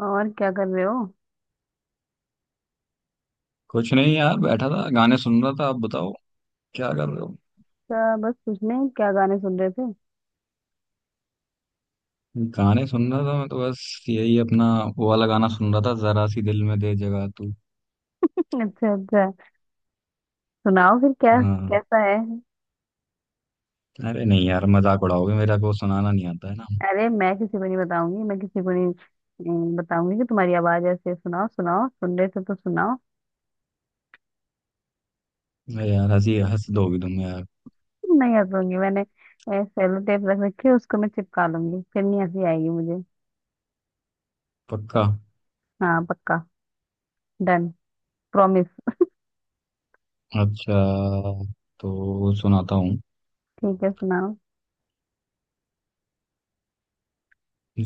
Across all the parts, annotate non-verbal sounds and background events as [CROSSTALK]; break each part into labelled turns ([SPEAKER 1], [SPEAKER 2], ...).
[SPEAKER 1] और क्या कर रहे हो?
[SPEAKER 2] कुछ नहीं यार, बैठा था, गाने सुन रहा था। आप बताओ, क्या कर रहे हो।
[SPEAKER 1] क्या, बस कुछ नहीं, क्या गाने सुन रहे थे?
[SPEAKER 2] गाने सुन रहा था मैं, तो बस यही अपना वो वाला गाना सुन रहा था, जरा सी दिल में दे जगह तू।
[SPEAKER 1] [LAUGHS] अच्छा अच्छा। सुनाओ फिर, क्या
[SPEAKER 2] हाँ।
[SPEAKER 1] कैसा है?
[SPEAKER 2] अरे नहीं यार, मजाक उड़ाओगे, मेरा को सुनाना नहीं आता है ना।
[SPEAKER 1] अरे, मैं किसी को नहीं बताऊंगी, मैं किसी को नहीं बताऊंगी कि तुम्हारी आवाज ऐसे है। सुनाओ सुनाओ, सुन रहे थे तो सुनाओ।
[SPEAKER 2] अरे यार, हंसी हंस दोगी तुम यार।
[SPEAKER 1] नहीं हंसूंगी मैंने। सेलो टेप रख रखी है उसको, मैं चिपका लूंगी, फिर नहीं हंसी आएगी मुझे।
[SPEAKER 2] पक्का।
[SPEAKER 1] हाँ पक्का। डन। प्रॉमिस।
[SPEAKER 2] अच्छा, तो सुनाता हूँ।
[SPEAKER 1] ठीक है, सुनाओ।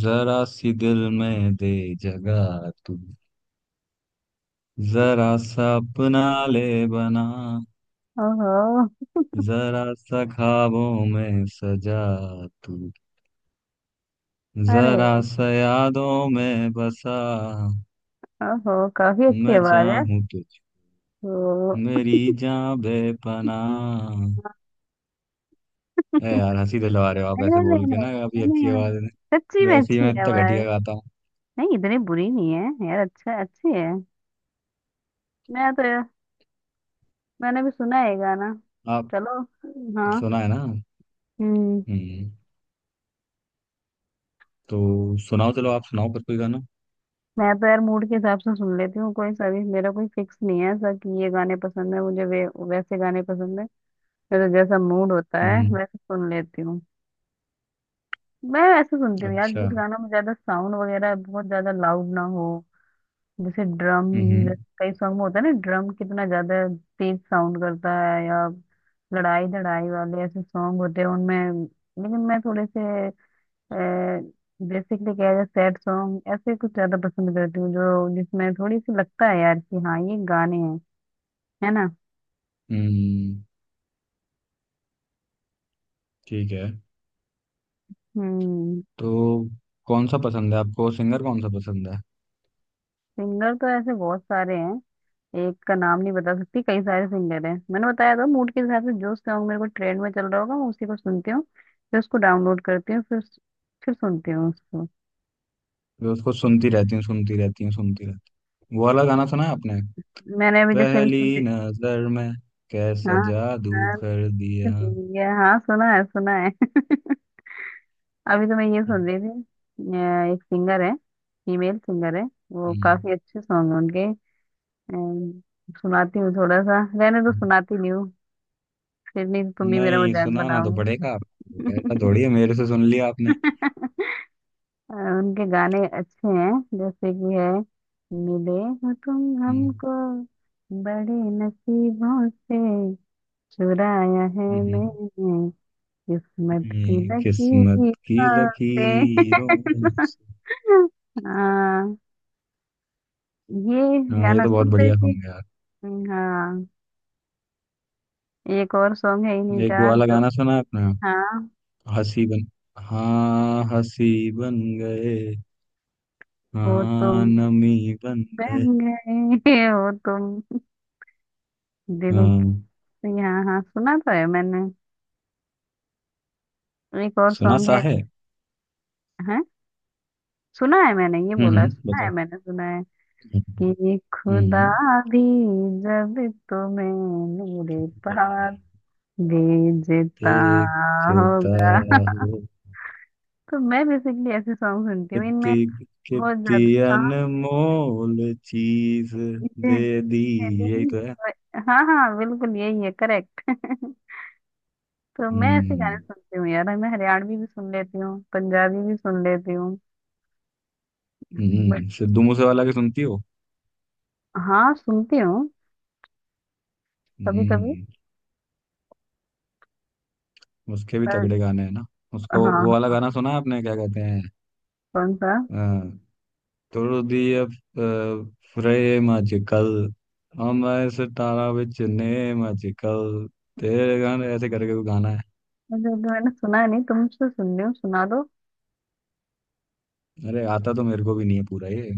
[SPEAKER 2] जरा सी दिल में दे जगह तू। जरा सा अपना ले बना।
[SPEAKER 1] ओहो।
[SPEAKER 2] जरा सा ख्वाबों में सजा तू।
[SPEAKER 1] अरे
[SPEAKER 2] जरा
[SPEAKER 1] वाह।
[SPEAKER 2] सा यादों में बसा।
[SPEAKER 1] ओहो, काफी अच्छी
[SPEAKER 2] मैं
[SPEAKER 1] आवाज है।
[SPEAKER 2] चाहूं तुझ।
[SPEAKER 1] तो
[SPEAKER 2] मेरी जान बेपनाह। ए यार, हंसी दिलवा रहे हो आप
[SPEAKER 1] नहीं
[SPEAKER 2] ऐसे
[SPEAKER 1] नहीं नहीं
[SPEAKER 2] बोल के ना, आपकी
[SPEAKER 1] नहीं नहीं
[SPEAKER 2] अच्छी
[SPEAKER 1] नहीं,
[SPEAKER 2] आवाज
[SPEAKER 1] नहीं,
[SPEAKER 2] है ना।
[SPEAKER 1] सच्ची में
[SPEAKER 2] वैसे ही
[SPEAKER 1] अच्छी
[SPEAKER 2] मैं इतना घटिया
[SPEAKER 1] आवाज,
[SPEAKER 2] गाता हूँ।
[SPEAKER 1] नहीं इतनी बुरी नहीं है यार, अच्छा अच्छी है। मैं तो यार, मैंने भी सुना है ये गाना।
[SPEAKER 2] आप
[SPEAKER 1] चलो। हाँ।
[SPEAKER 2] सुना है ना।
[SPEAKER 1] हम्म।
[SPEAKER 2] हम्म। तो सुनाओ, चलो आप सुनाओ पर कोई गाना।
[SPEAKER 1] मैं तो यार मूड के हिसाब से सुन लेती हूँ, कोई सभी मेरा कोई फिक्स नहीं है ऐसा कि ये गाने पसंद है मुझे वे वैसे गाने पसंद है। मेरा जैसा मूड होता है
[SPEAKER 2] हम्म।
[SPEAKER 1] वैसे सुन लेती हूँ। मैं ऐसे सुनती हूँ यार,
[SPEAKER 2] अच्छा।
[SPEAKER 1] जिस गाना में ज्यादा साउंड वगैरह बहुत ज्यादा लाउड ना हो। जैसे ड्रम, जैसे
[SPEAKER 2] हम्म।
[SPEAKER 1] कई सॉन्ग में होता है ना, ड्रम कितना ज्यादा तेज साउंड करता है, या लड़ाई लड़ाई वाले ऐसे सॉन्ग होते हैं उनमें। लेकिन मैं थोड़े से, बेसिकली क्या है, सैड सॉन्ग ऐसे कुछ ज्यादा पसंद करती हूँ जो जिसमें थोड़ी सी लगता है यार कि हाँ ये गाने हैं। है ना।
[SPEAKER 2] हम्म, ठीक है।
[SPEAKER 1] हम्म।
[SPEAKER 2] तो कौन सा पसंद है आपको, सिंगर कौन सा पसंद है।
[SPEAKER 1] सिंगर तो ऐसे बहुत सारे हैं, एक का नाम नहीं बता सकती, कई सारे सिंगर हैं। मैंने बताया था, मूड के हिसाब से जो सॉन्ग मेरे को ट्रेंड में चल रहा होगा मैं उसी को सुनती हूँ, फिर उसको डाउनलोड करती हूँ, फिर सुनती हूँ उसको।
[SPEAKER 2] मैं उसको सुनती रहती हूँ, सुनती रहती हूँ, सुनती रहती हूँ। वो वाला गाना सुना है आपने,
[SPEAKER 1] मैंने अभी जैसे अभी
[SPEAKER 2] पहली
[SPEAKER 1] सुने।
[SPEAKER 2] नजर में कैसा
[SPEAKER 1] हाँ
[SPEAKER 2] जादू
[SPEAKER 1] हाँ।
[SPEAKER 2] कर दिया।
[SPEAKER 1] सुनी है, हाँ, सुना है सुना है। [LAUGHS] अभी तो मैं ये सुन रही थी। एक सिंगर है, फीमेल सिंगर है, वो
[SPEAKER 2] हम्म,
[SPEAKER 1] काफी अच्छे सॉन्ग है उनके। अम, सुनाती हूँ थोड़ा सा, रहने तो सुनाती नहीं हूँ, फिर नहीं तो तुम भी मेरा
[SPEAKER 2] नहीं सुनाना तो
[SPEAKER 1] मजाक
[SPEAKER 2] पड़ेगा आपको, ऐसा
[SPEAKER 1] बनाओगे।
[SPEAKER 2] थोड़ी है मेरे से सुन लिया आपने।
[SPEAKER 1] [LAUGHS] उनके गाने अच्छे हैं, जैसे कि है, मिले हो तुम
[SPEAKER 2] हम्म।
[SPEAKER 1] हमको बड़े नसीबों से, चुराया है
[SPEAKER 2] हम्म,
[SPEAKER 1] मैंने किस्मत की
[SPEAKER 2] किस्मत
[SPEAKER 1] लकीरों
[SPEAKER 2] की
[SPEAKER 1] से।
[SPEAKER 2] लकीरों
[SPEAKER 1] [LAUGHS]
[SPEAKER 2] से।
[SPEAKER 1] हाँ ये
[SPEAKER 2] हाँ, ये
[SPEAKER 1] गाना
[SPEAKER 2] तो बहुत
[SPEAKER 1] सुन रही
[SPEAKER 2] बढ़िया
[SPEAKER 1] थी।
[SPEAKER 2] सॉन्ग है यार।
[SPEAKER 1] हाँ, एक और सॉन्ग है इन्हीं
[SPEAKER 2] एक वो
[SPEAKER 1] का
[SPEAKER 2] वाला
[SPEAKER 1] जो,
[SPEAKER 2] गाना सुना है आपने।
[SPEAKER 1] हाँ,
[SPEAKER 2] हंसी बन। हाँ हंसी बन गए।
[SPEAKER 1] हो
[SPEAKER 2] हाँ
[SPEAKER 1] तुम
[SPEAKER 2] नमी बन गए।
[SPEAKER 1] बन गए हो तुम दिल
[SPEAKER 2] हाँ।
[SPEAKER 1] की- हाँ हाँ सुना तो है मैंने। एक और
[SPEAKER 2] सुना सा
[SPEAKER 1] सॉन्ग
[SPEAKER 2] है।
[SPEAKER 1] है, सुना है मैंने, ये बोला
[SPEAKER 2] हम्म,
[SPEAKER 1] सुना है
[SPEAKER 2] बताओ।
[SPEAKER 1] मैंने, सुना है
[SPEAKER 2] हम्म।
[SPEAKER 1] कि खुदा
[SPEAKER 2] हम्म।
[SPEAKER 1] भी जब तुम्हें मेरे पास
[SPEAKER 2] हम्म।
[SPEAKER 1] भेजता
[SPEAKER 2] देखता
[SPEAKER 1] होगा।
[SPEAKER 2] हूँ।
[SPEAKER 1] [LAUGHS] तो मैं बेसिकली ऐसे सॉन्ग सुनती हूँ, इनमें
[SPEAKER 2] कितनी
[SPEAKER 1] बहुत
[SPEAKER 2] कितनी
[SPEAKER 1] ज्यादा, हाँ
[SPEAKER 2] अनमोल चीज
[SPEAKER 1] इसे
[SPEAKER 2] दे दी। ये
[SPEAKER 1] मेरी-
[SPEAKER 2] तो है।
[SPEAKER 1] हाँ हाँ बिल्कुल यही है, करेक्ट। [LAUGHS] तो मैं ऐसे गाने
[SPEAKER 2] हम्म।
[SPEAKER 1] सुनती हूँ यार, मैं हरियाणवी भी सुन लेती हूँ, पंजाबी भी सुन लेती हूँ। बट
[SPEAKER 2] हम्म, सिद्धू मूसे वाला की सुनती हो।
[SPEAKER 1] हाँ सुनती हूँ, कभी कभी,
[SPEAKER 2] हम्म। उसके भी
[SPEAKER 1] पर
[SPEAKER 2] तगड़े गाने हैं ना। उसका
[SPEAKER 1] हाँ
[SPEAKER 2] वो वाला
[SPEAKER 1] हाँ,
[SPEAKER 2] गाना सुना है आपने, क्या कहते हैं।
[SPEAKER 1] कौन सा
[SPEAKER 2] अ, तोड़ दी अब फ्रेम अजकल। हम ऐसे तारा विच नेम अजकल। तेरे गाने ऐसे करके कोई गाना है।
[SPEAKER 1] मुझे तो, मैंने सुना नहीं, तुमसे सुन रही हूँ, सुना दो
[SPEAKER 2] अरे आता तो मेरे को भी नहीं है पूरा ये।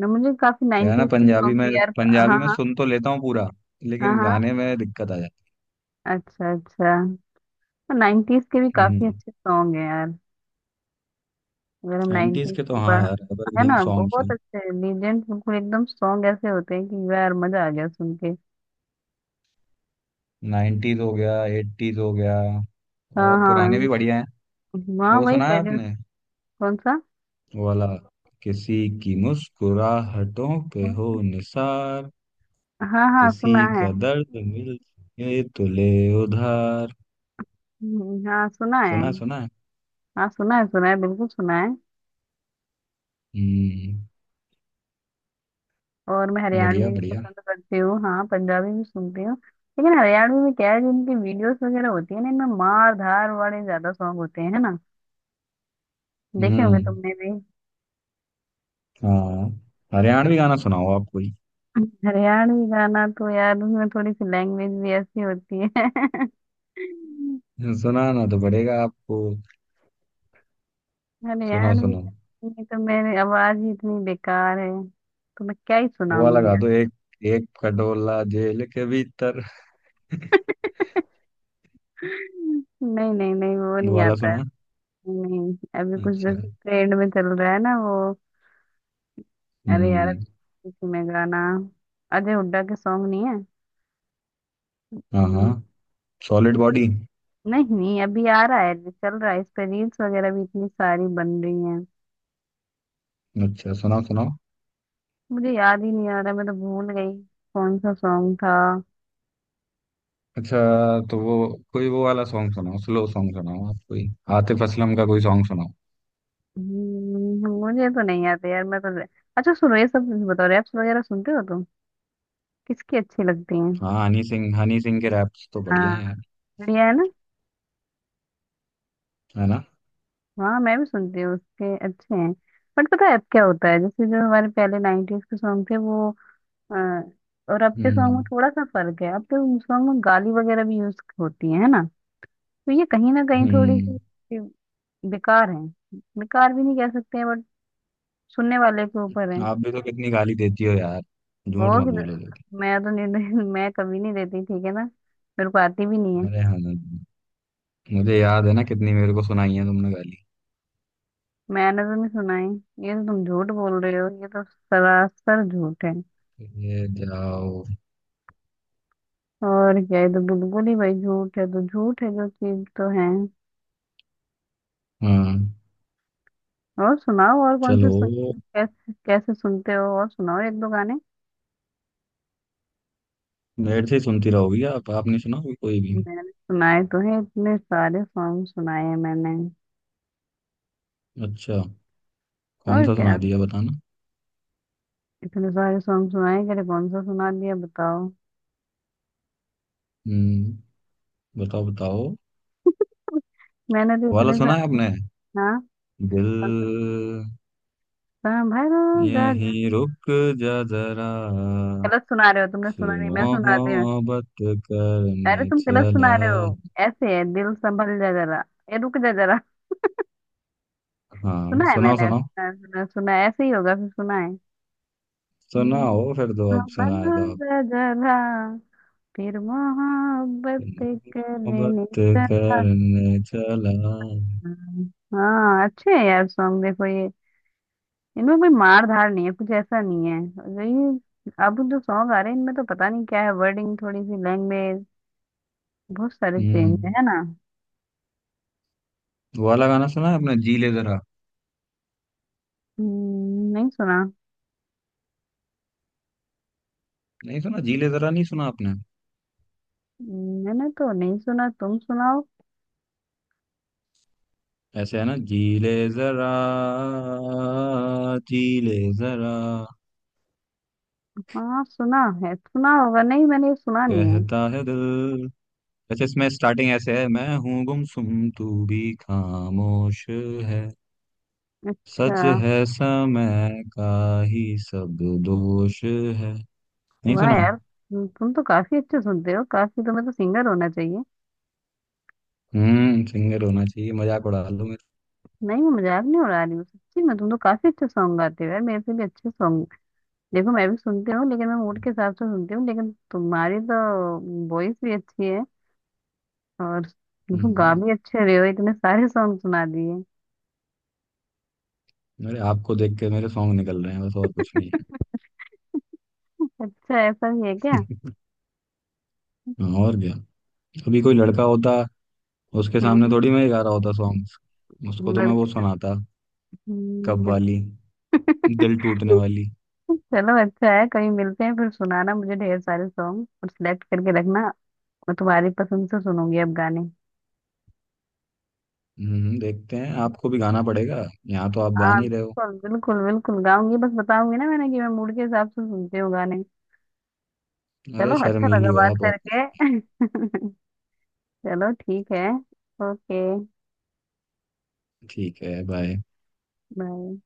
[SPEAKER 1] न। मुझे काफी
[SPEAKER 2] क्या है ना,
[SPEAKER 1] नाइनटीज के
[SPEAKER 2] पंजाबी
[SPEAKER 1] सॉन्ग भी
[SPEAKER 2] में।
[SPEAKER 1] यार,
[SPEAKER 2] पंजाबी
[SPEAKER 1] हाँ
[SPEAKER 2] में
[SPEAKER 1] हाँ,
[SPEAKER 2] सुन तो लेता हूँ पूरा।
[SPEAKER 1] हाँ
[SPEAKER 2] लेकिन
[SPEAKER 1] हाँ,
[SPEAKER 2] गाने में दिक्कत आ जाती
[SPEAKER 1] अच्छा अच्छा। नाइनटीज के भी
[SPEAKER 2] है।
[SPEAKER 1] काफी
[SPEAKER 2] हम्म।
[SPEAKER 1] अच्छे सॉन्ग हैं यार, अगर हम
[SPEAKER 2] 90s
[SPEAKER 1] नाइनटीज
[SPEAKER 2] के तो
[SPEAKER 1] की
[SPEAKER 2] हाँ
[SPEAKER 1] बात,
[SPEAKER 2] यार,
[SPEAKER 1] है
[SPEAKER 2] एवरग्रीन
[SPEAKER 1] ना,
[SPEAKER 2] सॉन्ग्स
[SPEAKER 1] बहुत
[SPEAKER 2] हैं।
[SPEAKER 1] अच्छे लीजेंड, बिल्कुल एकदम सॉन्ग ऐसे होते हैं कि यार मजा आ गया सुन के।
[SPEAKER 2] 90s हो गया, 80s हो गया,
[SPEAKER 1] हाँ
[SPEAKER 2] और
[SPEAKER 1] हाँ।
[SPEAKER 2] पुराने भी बढ़िया हैं।
[SPEAKER 1] इन- हाँ
[SPEAKER 2] वो
[SPEAKER 1] वही
[SPEAKER 2] सुना है
[SPEAKER 1] कह रही हूँ।
[SPEAKER 2] आपने,
[SPEAKER 1] कौन सा?
[SPEAKER 2] वो वाला, किसी की मुस्कुराहटों पे हो निसार।
[SPEAKER 1] हाँ हाँ
[SPEAKER 2] किसी
[SPEAKER 1] सुना है।
[SPEAKER 2] का दर्द मिल ये तो ले उधार।
[SPEAKER 1] हाँ सुना है,
[SPEAKER 2] सुना है सुना है।
[SPEAKER 1] हाँ सुना है बिल्कुल सुना है।
[SPEAKER 2] हम्म।
[SPEAKER 1] और मैं हरियाणवी
[SPEAKER 2] बढ़िया
[SPEAKER 1] भी
[SPEAKER 2] बढ़िया।
[SPEAKER 1] पसंद करती हूँ, हाँ पंजाबी भी सुनती हूँ। लेकिन हरियाणवी में क्या है, जिनकी वीडियोस वगैरह होती है ना, इनमें मार धार वाले ज्यादा सॉन्ग होते हैं। है ना, देखे होंगे
[SPEAKER 2] हम्म।
[SPEAKER 1] तुमने भी।
[SPEAKER 2] हाँ, हरियाणवी गाना सुनाओ आप कोई।
[SPEAKER 1] [LAUGHS] हरियाणवी गाना तो यार, उसमें थोड़ी सी लैंग्वेज भी ऐसी होती है। [LAUGHS]
[SPEAKER 2] सुनाना तो पड़ेगा आपको। सुनो
[SPEAKER 1] हरियाणवी
[SPEAKER 2] सुनो,
[SPEAKER 1] गाने में तो मेरी आवाज ही इतनी बेकार है, तो मैं क्या ही
[SPEAKER 2] वो वाला
[SPEAKER 1] सुनाऊंगी
[SPEAKER 2] गा
[SPEAKER 1] यार।
[SPEAKER 2] दो एक, एक खटोला जेल के भीतर।
[SPEAKER 1] नहीं नहीं नहीं, वो
[SPEAKER 2] वो
[SPEAKER 1] नहीं
[SPEAKER 2] वाला
[SPEAKER 1] आता है।
[SPEAKER 2] सुना।
[SPEAKER 1] नहीं, अभी कुछ
[SPEAKER 2] अच्छा।
[SPEAKER 1] जैसे ट्रेंड में चल रहा है ना वो। अरे यार,
[SPEAKER 2] हम्म।
[SPEAKER 1] किसी में गाना, अजय हुड्डा के सॉन्ग नहीं है?
[SPEAKER 2] हाँ हाँ,
[SPEAKER 1] हम्म,
[SPEAKER 2] सॉलिड बॉडी।
[SPEAKER 1] नहीं नहीं, अभी आ रहा है, चल रहा है, इस पे रील्स वगैरह भी इतनी सारी बन रही हैं।
[SPEAKER 2] अच्छा सुनाओ सुनाओ।
[SPEAKER 1] मुझे याद ही नहीं आ रहा, मैं तो भूल गई कौन सा सॉन्ग था।
[SPEAKER 2] अच्छा, तो वो कोई वो वाला सॉन्ग सुनाओ, स्लो सॉन्ग सुनाओ आप कोई। आतिफ असलम का कोई सॉन्ग सुनाओ।
[SPEAKER 1] मुझे तो नहीं आता यार, मैं तो अच्छा सुनो, ये सब बताओ, रैप्स वगैरह सुनते हो तुम? किसकी अच्छी लगती हैं?
[SPEAKER 2] हाँ, हनी सिंह, हनी सिंह के रैप्स तो बढ़िया
[SPEAKER 1] हाँ
[SPEAKER 2] है यार।
[SPEAKER 1] बढ़िया है ना।
[SPEAKER 2] है ना।
[SPEAKER 1] हाँ मैं भी सुनती हूँ, उसके अच्छे हैं। बट पता है अब क्या होता है, जैसे जो हमारे पहले नाइनटीज के सॉन्ग थे वो, हाँ, और अब के सॉन्ग में
[SPEAKER 2] हम्म।
[SPEAKER 1] थोड़ा सा फर्क है, अब के सॉन्ग में गाली वगैरह भी यूज होती है ना। तो ये कहीं ना कहीं थोड़ी सी
[SPEAKER 2] हम्म।
[SPEAKER 1] सी बेकार है। बेकार भी नहीं कह सकते हैं बट, सुनने वाले के ऊपर है।
[SPEAKER 2] आप भी तो कितनी गाली देती हो यार,
[SPEAKER 1] वो
[SPEAKER 2] झूठ मत
[SPEAKER 1] कि-
[SPEAKER 2] बोलो तो।
[SPEAKER 1] मैं तो नहीं [LAUGHS] नहीं- मैं कभी नहीं देती, ठीक है ना। मेरे को आती भी नहीं है।
[SPEAKER 2] अरे हाँ, मुझे याद है ना, कितनी मेरे को सुनाई है तुमने गाली।
[SPEAKER 1] मैंने तो नहीं सुना है, ये तो तुम झूठ बोल रहे हो, ये तो सरासर झूठ है।
[SPEAKER 2] ये जाओ।
[SPEAKER 1] और क्या, ये तो बिल्कुल ही भाई झूठ है, तो झूठ है जो चीज तो है।
[SPEAKER 2] हाँ।
[SPEAKER 1] और सुनाओ और, कौन से
[SPEAKER 2] चलो।
[SPEAKER 1] सुन, कैसे कैसे सुनते हो, और सुनाओ एक दो गाने।
[SPEAKER 2] मेरे से ही सुनती रहोगी आप, आपने सुना होगी कोई भी।
[SPEAKER 1] मैंने सुनाए तो हैं, इतने सारे सॉन्ग सुनाए हैं मैंने।
[SPEAKER 2] अच्छा, कौन
[SPEAKER 1] और
[SPEAKER 2] सा सुना
[SPEAKER 1] क्या,
[SPEAKER 2] दिया बताना।
[SPEAKER 1] इतने सारे सॉन्ग सुनाए कि, अरे कौन सा सुना दिया बताओ।
[SPEAKER 2] हम्म, बताओ बताओ।
[SPEAKER 1] मैंने तो
[SPEAKER 2] वो वाला
[SPEAKER 1] इतने
[SPEAKER 2] सुना है
[SPEAKER 1] सारे।
[SPEAKER 2] आपने,
[SPEAKER 1] हाँ,
[SPEAKER 2] दिल,
[SPEAKER 1] संभरो गाजा,
[SPEAKER 2] यहीं रुक जा जरा,
[SPEAKER 1] गलत सुना रहे हो, तुमने
[SPEAKER 2] फिर
[SPEAKER 1] सुना नहीं, मैं सुनाती हूँ।
[SPEAKER 2] मोहब्बत
[SPEAKER 1] अरे
[SPEAKER 2] करने
[SPEAKER 1] तुम गलत
[SPEAKER 2] चला।
[SPEAKER 1] सुना रहे हो, ऐसे है, दिल संभल जा जरा, ये रुक जा जरा।
[SPEAKER 2] हाँ
[SPEAKER 1] सुना है
[SPEAKER 2] सुनाओ
[SPEAKER 1] मैंने,
[SPEAKER 2] सुनाओ।
[SPEAKER 1] सुना सुना सुना है, ऐसे ही होगा फिर, सुना है। दिल
[SPEAKER 2] सुनाओ फिर दो अब
[SPEAKER 1] संभल
[SPEAKER 2] सुनाए तो आप।
[SPEAKER 1] जा जरा, फिर मोहब्बत
[SPEAKER 2] मोहब्बत
[SPEAKER 1] करने चला था।
[SPEAKER 2] करने चला।
[SPEAKER 1] हाँ अच्छे है यार सॉन्ग, देखो ये, इनमें कोई मार धार नहीं है, कुछ ऐसा नहीं है। जो ये अब जो सॉन्ग आ रहे हैं इनमें तो पता नहीं क्या है, वर्डिंग थोड़ी सी लैंग्वेज बहुत सारे चेंज
[SPEAKER 2] हम्म।
[SPEAKER 1] है ना।
[SPEAKER 2] वो वाला गाना सुना है आपने, जी ले जरा।
[SPEAKER 1] नहीं सुना।
[SPEAKER 2] नहीं सुना जी ले जरा, नहीं सुना आपने।
[SPEAKER 1] मैंने तो नहीं सुना, तुम सुनाओ।
[SPEAKER 2] ऐसे है ना, जी ले जरा, जी ले जरा,
[SPEAKER 1] हाँ सुना है, सुना होगा, नहीं मैंने ये सुना नहीं है।
[SPEAKER 2] कहता है दिल। ऐसे इसमें स्टार्टिंग ऐसे है, मैं हूँ गुमसुम तू भी खामोश है।
[SPEAKER 1] अच्छा।
[SPEAKER 2] सच है समय का ही सब दोष है। नहीं
[SPEAKER 1] वाह
[SPEAKER 2] सुना।
[SPEAKER 1] यार, तुम तो काफी अच्छे सुनते हो, काफी, तुम्हें तो सिंगर होना चाहिए।
[SPEAKER 2] हम्म, सिंगर होना चाहिए, मजाक उड़ा लो मेरे।
[SPEAKER 1] नहीं मैं मजाक नहीं उड़ा रही हूँ, सच्ची में तुम तो काफी अच्छे सॉन्ग गाते हो यार, मेरे से भी अच्छे सॉन्ग। देखो मैं भी सुनती हूँ, लेकिन मैं मूड के हिसाब से सुनती हूँ, लेकिन तुम्हारी तो वॉइस भी अच्छी है, और तुम गा
[SPEAKER 2] हम्म,
[SPEAKER 1] भी अच्छे रहे हो, इतने सारे सॉन्ग सुना दिए।
[SPEAKER 2] मेरे आपको देख के मेरे सॉन्ग निकल रहे हैं बस, और कुछ नहीं।
[SPEAKER 1] अच्छा ऐसा भी है क्या?
[SPEAKER 2] है [LAUGHS] और क्या, अभी कोई लड़का होता, उसके सामने
[SPEAKER 1] हम्म।
[SPEAKER 2] थोड़ी मैं ही गा रहा होता सॉन्ग्स। उसको तो मैं वो
[SPEAKER 1] लड़के?
[SPEAKER 2] सुनाता, कब
[SPEAKER 1] अच्छा।
[SPEAKER 2] वाली, दिल टूटने वाली।
[SPEAKER 1] [LAUGHS] चलो अच्छा है, कहीं मिलते हैं फिर, सुनाना मुझे ढेर सारे सॉन्ग और सिलेक्ट करके रखना, और तुम्हारी पसंद से सुनूंगी अब गाने।
[SPEAKER 2] देखते हैं, आपको भी गाना पड़ेगा। यहाँ तो आप गा
[SPEAKER 1] हाँ
[SPEAKER 2] नहीं रहे हो।
[SPEAKER 1] बिल्कुल बिल्कुल बिल्कुल गाऊंगी, बस बताऊंगी ना मैंने कि मैं मूड के हिसाब से सुनती हूँ गाने।
[SPEAKER 2] अरे
[SPEAKER 1] चलो अच्छा
[SPEAKER 2] शर्मीली
[SPEAKER 1] लगा
[SPEAKER 2] हो
[SPEAKER 1] बात
[SPEAKER 2] आप, और कुछ।
[SPEAKER 1] करके। [LAUGHS] चलो ठीक है। ओके।
[SPEAKER 2] ठीक है, बाय।
[SPEAKER 1] बाय।